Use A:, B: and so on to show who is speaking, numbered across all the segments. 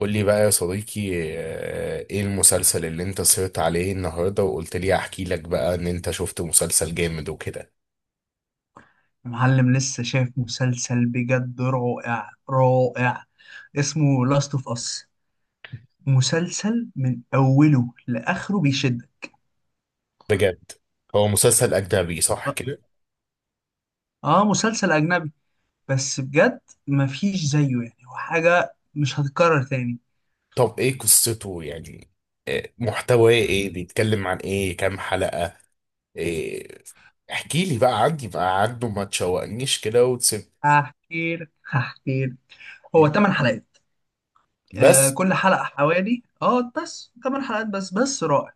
A: قول لي بقى يا صديقي. ايه المسلسل اللي انت سهرت عليه النهارده وقلت لي احكي لك بقى ان انت شفت مسلسل جامد وكده؟
B: معلم لسه شايف مسلسل بجد رائع رائع. اسمه لاست اوف اس. مسلسل من اوله لاخره بيشدك.
A: بجد؟ هو مسلسل اجنبي صح كده؟
B: اه، مسلسل اجنبي. بس بجد مفيش زيه، يعني هو حاجه مش هتتكرر تاني.
A: طب ايه قصته يعني، محتواه ايه، بيتكلم عن ايه، كام حلقة؟ إيه؟ احكي لي بقى عندي بقى عنه، ما تشوقنيش كده وتسيب.
B: هحكي لك. هو 8 حلقات.
A: بس؟
B: كل حلقه حوالي بس 8 حلقات، بس بس رائع.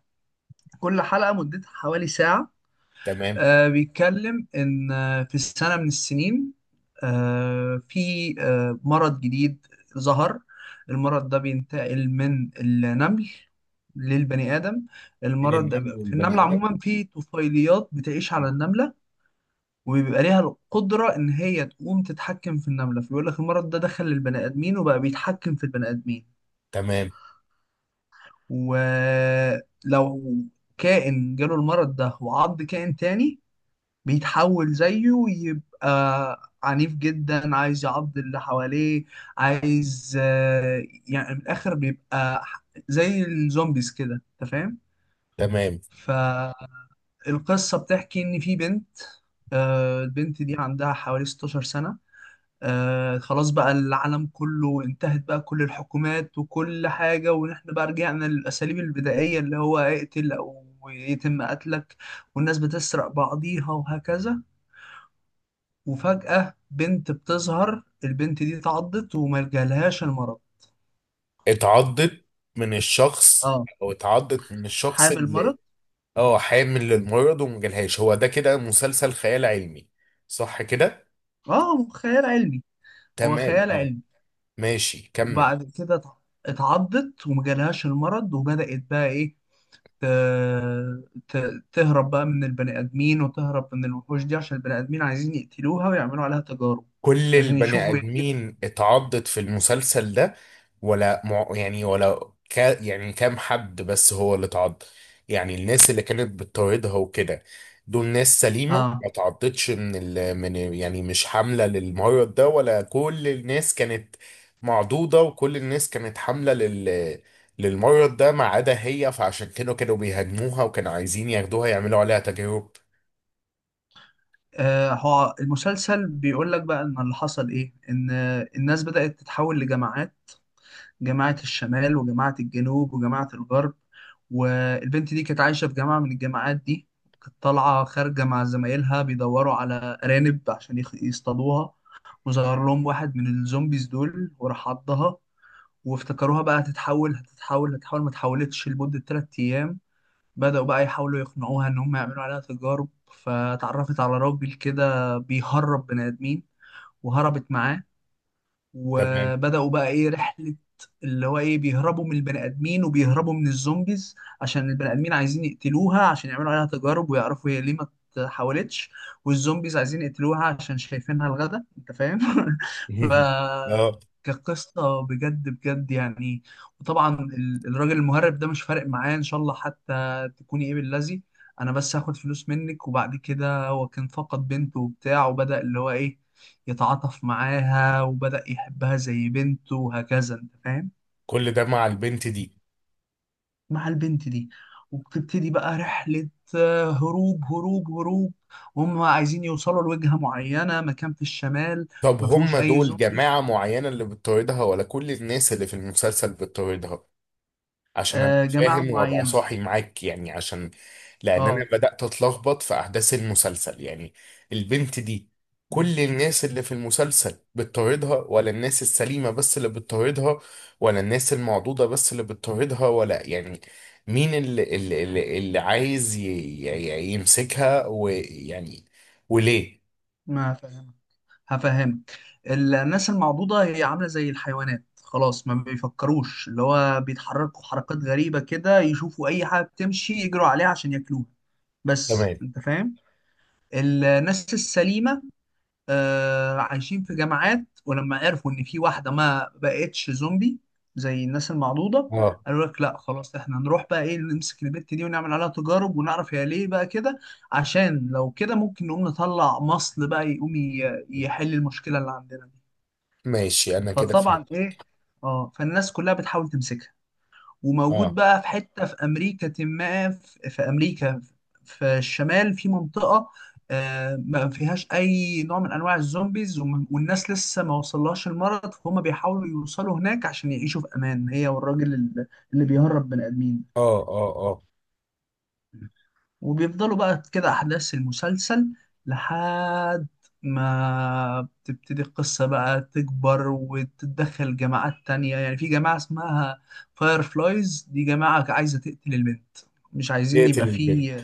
B: كل حلقه مدتها حوالي ساعه.
A: تمام.
B: بيتكلم إن في سنة من السنين، في، مرض جديد ظهر. المرض ده بينتقل من النمل للبني آدم.
A: من
B: المرض
A: النمل
B: ده في
A: والبني
B: النملة،
A: ادم.
B: عموما في طفيليات بتعيش على النملة وبيبقى ليها القدرة إن هي تقوم تتحكم في النملة. فبيقول لك المرض ده دخل للبني آدمين وبقى بيتحكم في البني آدمين.
A: تمام.
B: ولو كائن جاله المرض ده وعض كائن تاني، بيتحول زيه ويبقى عنيف جدا، عايز يعض اللي حواليه، عايز يعني من الآخر بيبقى زي الزومبيز كده، أنت فاهم؟
A: تمام.
B: فالقصة بتحكي إن في بنت. البنت دي عندها حوالي 16 سنة. خلاص بقى، العالم كله انتهت بقى، كل الحكومات وكل حاجة، ونحن بقى رجعنا للأساليب البدائية، اللي هو اقتل أو يتم قتلك. والناس بتسرق بعضيها وهكذا. وفجأة بنت بتظهر، البنت دي اتعضت وما جالهاش المرض.
A: اتعضت من الشخص،
B: اه،
A: او اتعضت من الشخص
B: حامل مرض.
A: اللي. اه حامل للمرض ومجالهاش، هو ده كده مسلسل خيال علمي صح كده؟
B: اه، خيال علمي. هو
A: تمام
B: خيال
A: اه.
B: علمي.
A: ماشي كمل.
B: وبعد كده اتعضت وما جالهاش المرض، وبدأت بقى ايه، ت- تهرب بقى من البني آدمين وتهرب من الوحوش دي، عشان البني آدمين عايزين يقتلوها ويعملوا عليها تجارب،
A: كل
B: عشان
A: البني
B: يشوفوا يعني.
A: ادمين اتعضت في المسلسل ده؟ ولا مع يعني ولا كا يعني كام حد بس هو اللي اتعض؟ يعني الناس اللي كانت بتطاردها وكده دول ناس سليمة
B: اه.
A: ما اتعضتش من ال من، يعني مش حاملة للمرض ده؟ ولا كل الناس كانت معضوضة وكل الناس كانت حاملة لل للمرض ده ما عدا هي، فعشان كده كانوا بيهاجموها وكانوا عايزين ياخدوها يعملوا عليها تجارب؟
B: هو المسلسل بيقول لك بقى ان اللي حصل ايه، ان الناس بدأت تتحول لجماعات. جماعة الشمال وجماعة الجنوب وجماعة الغرب. والبنت دي كانت عايشة في جامعة من الجامعات دي. كانت طالعة خارجة مع زمايلها بيدوروا على أرانب عشان يصطادوها. وظهر لهم واحد من الزومبيز دول وراح عضها، وافتكروها بقى هتتحول هتتحول هتتحول، ما اتحولتش لمدة 3 أيام. بدأوا بقى يحاولوا يقنعوها إن هم يعملوا عليها تجارب. فتعرفت على راجل كده بيهرب بني آدمين، وهربت معاه.
A: تمام.
B: وبدأوا بقى ايه، رحلة. اللي هو ايه، بيهربوا من البني ادمين وبيهربوا من الزومبيز. عشان البني ادمين عايزين يقتلوها عشان يعملوا عليها تجارب ويعرفوا هي ليه ما اتحولتش. والزومبيز عايزين يقتلوها عشان شايفينها الغدا، انت فاهم؟ ف
A: اه.
B: كقصة بجد بجد يعني. وطبعا الراجل المهرب ده مش فارق معايا ان شاء الله حتى تكوني ايه باللذي، انا بس هاخد فلوس منك. وبعد كده هو كان فقد بنته وبتاع، وبدأ اللي هو ايه، يتعاطف معاها وبدأ يحبها زي بنته وهكذا، انت فاهم؟
A: كل ده مع البنت دي؟
B: مع البنت دي. وبتبتدي بقى رحلة، هروب هروب هروب. وهم عايزين يوصلوا لوجهة معينة، مكان في الشمال.
A: طب
B: ما
A: هم
B: فيهوش أي
A: دول
B: زومبيز.
A: جماعة معينة اللي بتطاردها ولا كل الناس اللي في المسلسل بتطاردها؟ عشان ابقى
B: جماعة
A: فاهم وابقى
B: معينة.
A: صاحي معاك يعني، عشان لان انا
B: اه.
A: بدأت اتلخبط في احداث المسلسل يعني. البنت دي
B: مم.
A: كل الناس اللي في المسلسل بتطاردها؟ ولا الناس السليمة بس اللي بتطاردها؟ ولا الناس المعضوضة بس اللي بتطاردها؟ ولا يعني مين اللي عايز يمسكها ويعني، وليه؟
B: ما فاهم. هفهمك. الناس المعضوضة هي عاملة زي الحيوانات خلاص، ما بيفكروش، اللي هو بيتحركوا حركات غريبة كده، يشوفوا أي حاجة بتمشي يجروا عليها عشان ياكلوها، بس
A: تمام.
B: أنت فاهم. الناس السليمة عايشين في جامعات، ولما عرفوا إن في واحدة ما بقتش زومبي زي الناس المعضوضة،
A: اه
B: قالوا لك لا خلاص، احنا نروح بقى ايه، نمسك البت دي ونعمل عليها تجارب ونعرف هي ليه بقى كده، عشان لو كده ممكن نقوم نطلع مصل بقى يقوم يحل المشكلة اللي عندنا دي.
A: ماشي انا كده
B: فطبعا
A: فهمت.
B: ايه. اه، فالناس كلها بتحاول تمسكها. وموجود
A: اه
B: بقى في حتة في أمريكا، ما في، في أمريكا في الشمال في منطقة، ما فيهاش أي نوع من أنواع الزومبيز، والناس لسه ما وصلهاش المرض. فهم بيحاولوا يوصلوا هناك عشان يعيشوا في أمان، هي والراجل اللي بيهرب بني آدمين.
A: اه
B: وبيفضلوا بقى كده أحداث المسلسل، لحد ما بتبتدي القصة بقى تكبر وتتدخل جماعات تانية. يعني في جماعة اسمها فاير فلايز، دي جماعة عايزة تقتل البنت، مش عايزين
A: يقتل
B: يبقى
A: البنت؟
B: في.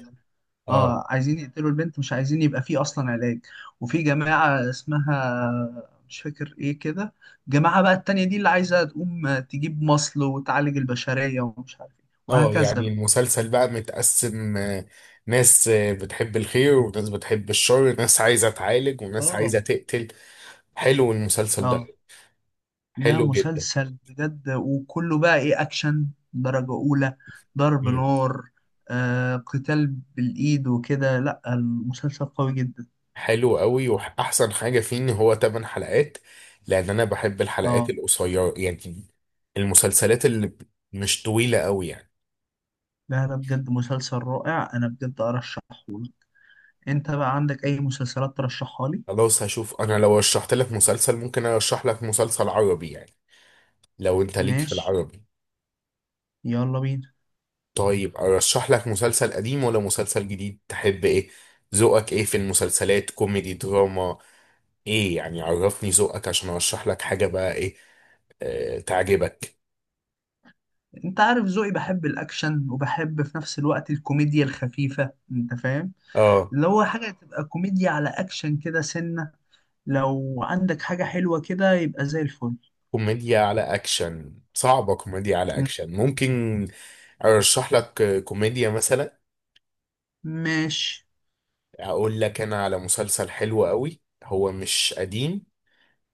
A: اه.
B: اه، عايزين يقتلوا البنت، مش عايزين يبقى في أصلا علاج. وفي جماعة اسمها مش فاكر ايه كده، جماعة بقى التانية دي اللي عايزة تقوم تجيب مصل وتعالج البشرية ومش عارف ايه
A: اه
B: وهكذا
A: يعني
B: بقى.
A: المسلسل بقى متقسم، ناس بتحب الخير وناس بتحب الشر، ناس عايزة تعالج وناس عايزة
B: اه.
A: تقتل. حلو المسلسل
B: اه.
A: ده؟
B: لا،
A: حلو جدا.
B: مسلسل بجد، وكله بقى ايه، اكشن درجة اولى، ضرب
A: مم.
B: نار، قتال بالايد وكده. لا، المسلسل قوي جدا.
A: حلو قوي، واحسن حاجة فيه ان هو 8 حلقات، لان انا بحب الحلقات
B: اه.
A: القصيرة يعني، المسلسلات اللي مش طويلة قوي يعني.
B: لا، لا، بجد مسلسل رائع، انا بجد ارشحه لك. انت بقى عندك اي مسلسلات ترشحها لي؟
A: خلاص هشوف انا لو رشحت لك مسلسل ممكن ارشح لك مسلسل عربي يعني، لو انت ليك في
B: ماشي.
A: العربي.
B: يلا بينا.
A: طيب ارشح لك مسلسل قديم ولا مسلسل جديد، تحب ايه؟ ذوقك ايه في المسلسلات، كوميدي دراما ايه يعني، عرفني ذوقك عشان ارشح لك حاجة بقى ايه آه تعجبك.
B: انت عارف ذوقي، بحب الاكشن وبحب في نفس الوقت الكوميديا الخفيفة، انت فاهم؟
A: اه.
B: اللي هو حاجة تبقى كوميديا على اكشن كده سنة، لو عندك حاجة حلوة كده يبقى زي الفل.
A: كوميديا على اكشن صعبة، كوميديا على اكشن ممكن ارشح لك كوميديا مثلا.
B: ماشي.
A: اقول لك انا على مسلسل حلو قوي، هو مش قديم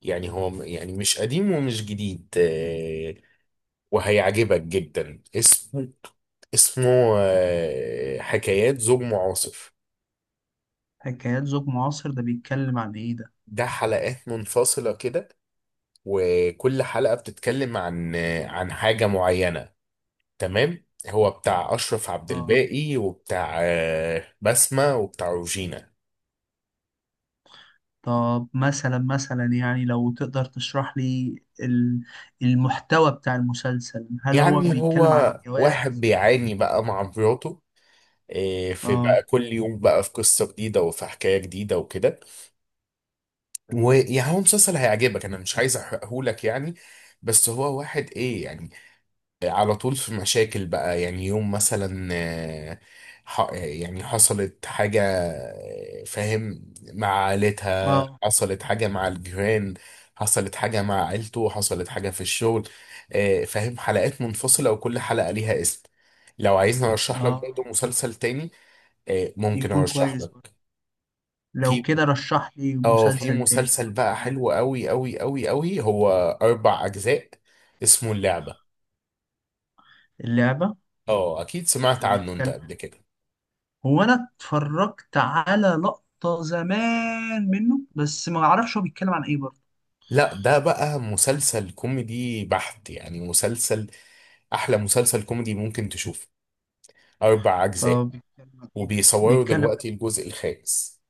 A: يعني، هو يعني مش قديم ومش جديد، وهيعجبك جدا. اسمه، اسمه، حكايات زوج معاصر.
B: حكايات زوج معاصر ده بيتكلم عن ايه ده؟
A: ده حلقات منفصلة كده، وكل حلقة بتتكلم عن عن حاجة معينة، تمام؟ هو بتاع أشرف عبد
B: اه.
A: الباقي وبتاع بسمة وبتاع روجينا.
B: طب مثلا مثلا يعني، لو تقدر تشرح لي المحتوى بتاع المسلسل. هل هو
A: يعني هو
B: بيتكلم عن الجواز
A: واحد
B: مثلا؟
A: بيعاني بقى مع مراته، في بقى
B: اه،
A: كل يوم بقى في قصة جديدة وفي حكاية جديدة وكده. ويعني هو مسلسل هيعجبك، أنا مش عايز أحرقهولك يعني، بس هو واحد إيه يعني، على طول في مشاكل بقى يعني، يوم مثلا يعني حصلت حاجة، فاهم، مع عائلتها،
B: اه،
A: حصلت حاجة مع الجيران، حصلت حاجة مع عيلته، حصلت حاجة في الشغل، فاهم، حلقات منفصلة وكل حلقة ليها اسم. لو عايزني ارشح لك
B: اه،
A: برضه مسلسل تاني، ممكن
B: يكون
A: ارشح
B: كويس برضه.
A: لك.
B: لو
A: في،
B: كده رشح لي
A: اه في
B: مسلسل تاني
A: مسلسل
B: برضه
A: بقى
B: معاك.
A: حلو قوي قوي قوي قوي، هو 4 اجزاء، اسمه اللعبة.
B: اللعبة.
A: اه اكيد سمعت
B: ده
A: عنه انت
B: بيتكلم،
A: قبل كده.
B: هو انا اتفرجت على لقطة زمان منه، بس ما اعرفش هو بيتكلم عن ايه برضه.
A: لا ده بقى مسلسل كوميدي بحت، يعني مسلسل احلى مسلسل كوميدي ممكن تشوفه، 4 اجزاء،
B: طب بيتكلم عن ايه؟
A: وبيصوروا
B: بيتكلم،
A: دلوقتي الجزء الخامس.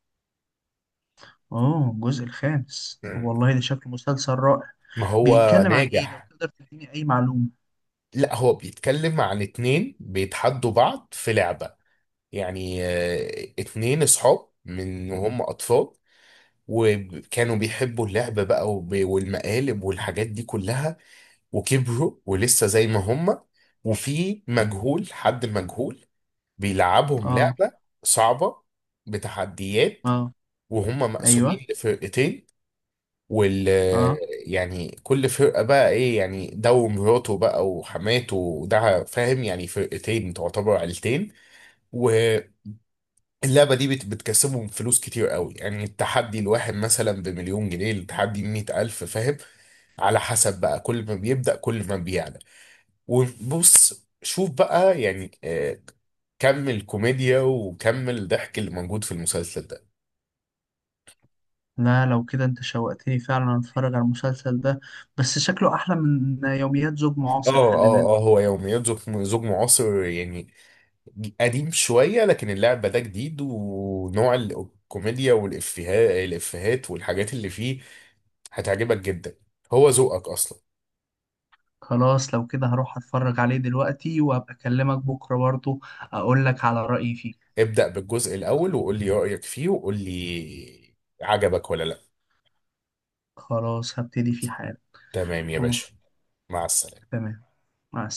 B: اه، الجزء الخامس، طب
A: مم.
B: والله ده شكله مسلسل رائع.
A: ما هو
B: بيتكلم عن ايه؟ لو
A: ناجح.
B: تقدر تديني اي معلومة.
A: لا هو بيتكلم عن اتنين بيتحدوا بعض في لعبة، يعني اتنين اصحاب من وهم اطفال وكانوا بيحبوا اللعب بقى والمقالب والحاجات دي كلها، وكبروا ولسه زي ما
B: آه.
A: هم. وفي مجهول، حد مجهول بيلعبهم
B: اه،
A: لعبة صعبة بتحديات،
B: اه،
A: وهم
B: ايوه،
A: مقسومين لفرقتين، وال
B: اه.
A: يعني كل فرقة بقى ايه يعني ده ومراته بقى وحماته، وده فاهم يعني، فرقتين تعتبر عيلتين. واللعبة دي بتكسبهم فلوس كتير قوي، يعني التحدي الواحد مثلا بمليون جنيه، التحدي 100,000، فاهم، على حسب بقى، كل ما بيبدأ كل ما بيعلى. وبص شوف بقى يعني كم الكوميديا وكم الضحك اللي موجود في المسلسل ده.
B: لا، لو كده انت شوقتني فعلا اتفرج على المسلسل ده، بس شكله احلى من يوميات زوج
A: اه
B: معاصر، خلي
A: اه اه.
B: بالك.
A: هو يوميات زوج معاصر يعني قديم شوية، لكن اللعبة ده جديد، ونوع الكوميديا والإفيهات، الإفيهات والحاجات اللي فيه هتعجبك جدا، هو ذوقك أصلا.
B: خلاص، لو كده هروح اتفرج عليه دلوقتي وهبقى اكلمك بكرة برضو، اقول لك على رأيي فيه.
A: ابدأ بالجزء الأول وقول لي رأيك فيه، وقول لي عجبك ولا لا.
B: خلاص هبتدي فيه حالا.
A: تمام يا
B: اه.
A: باشا. مع السلامة.
B: تمام. مع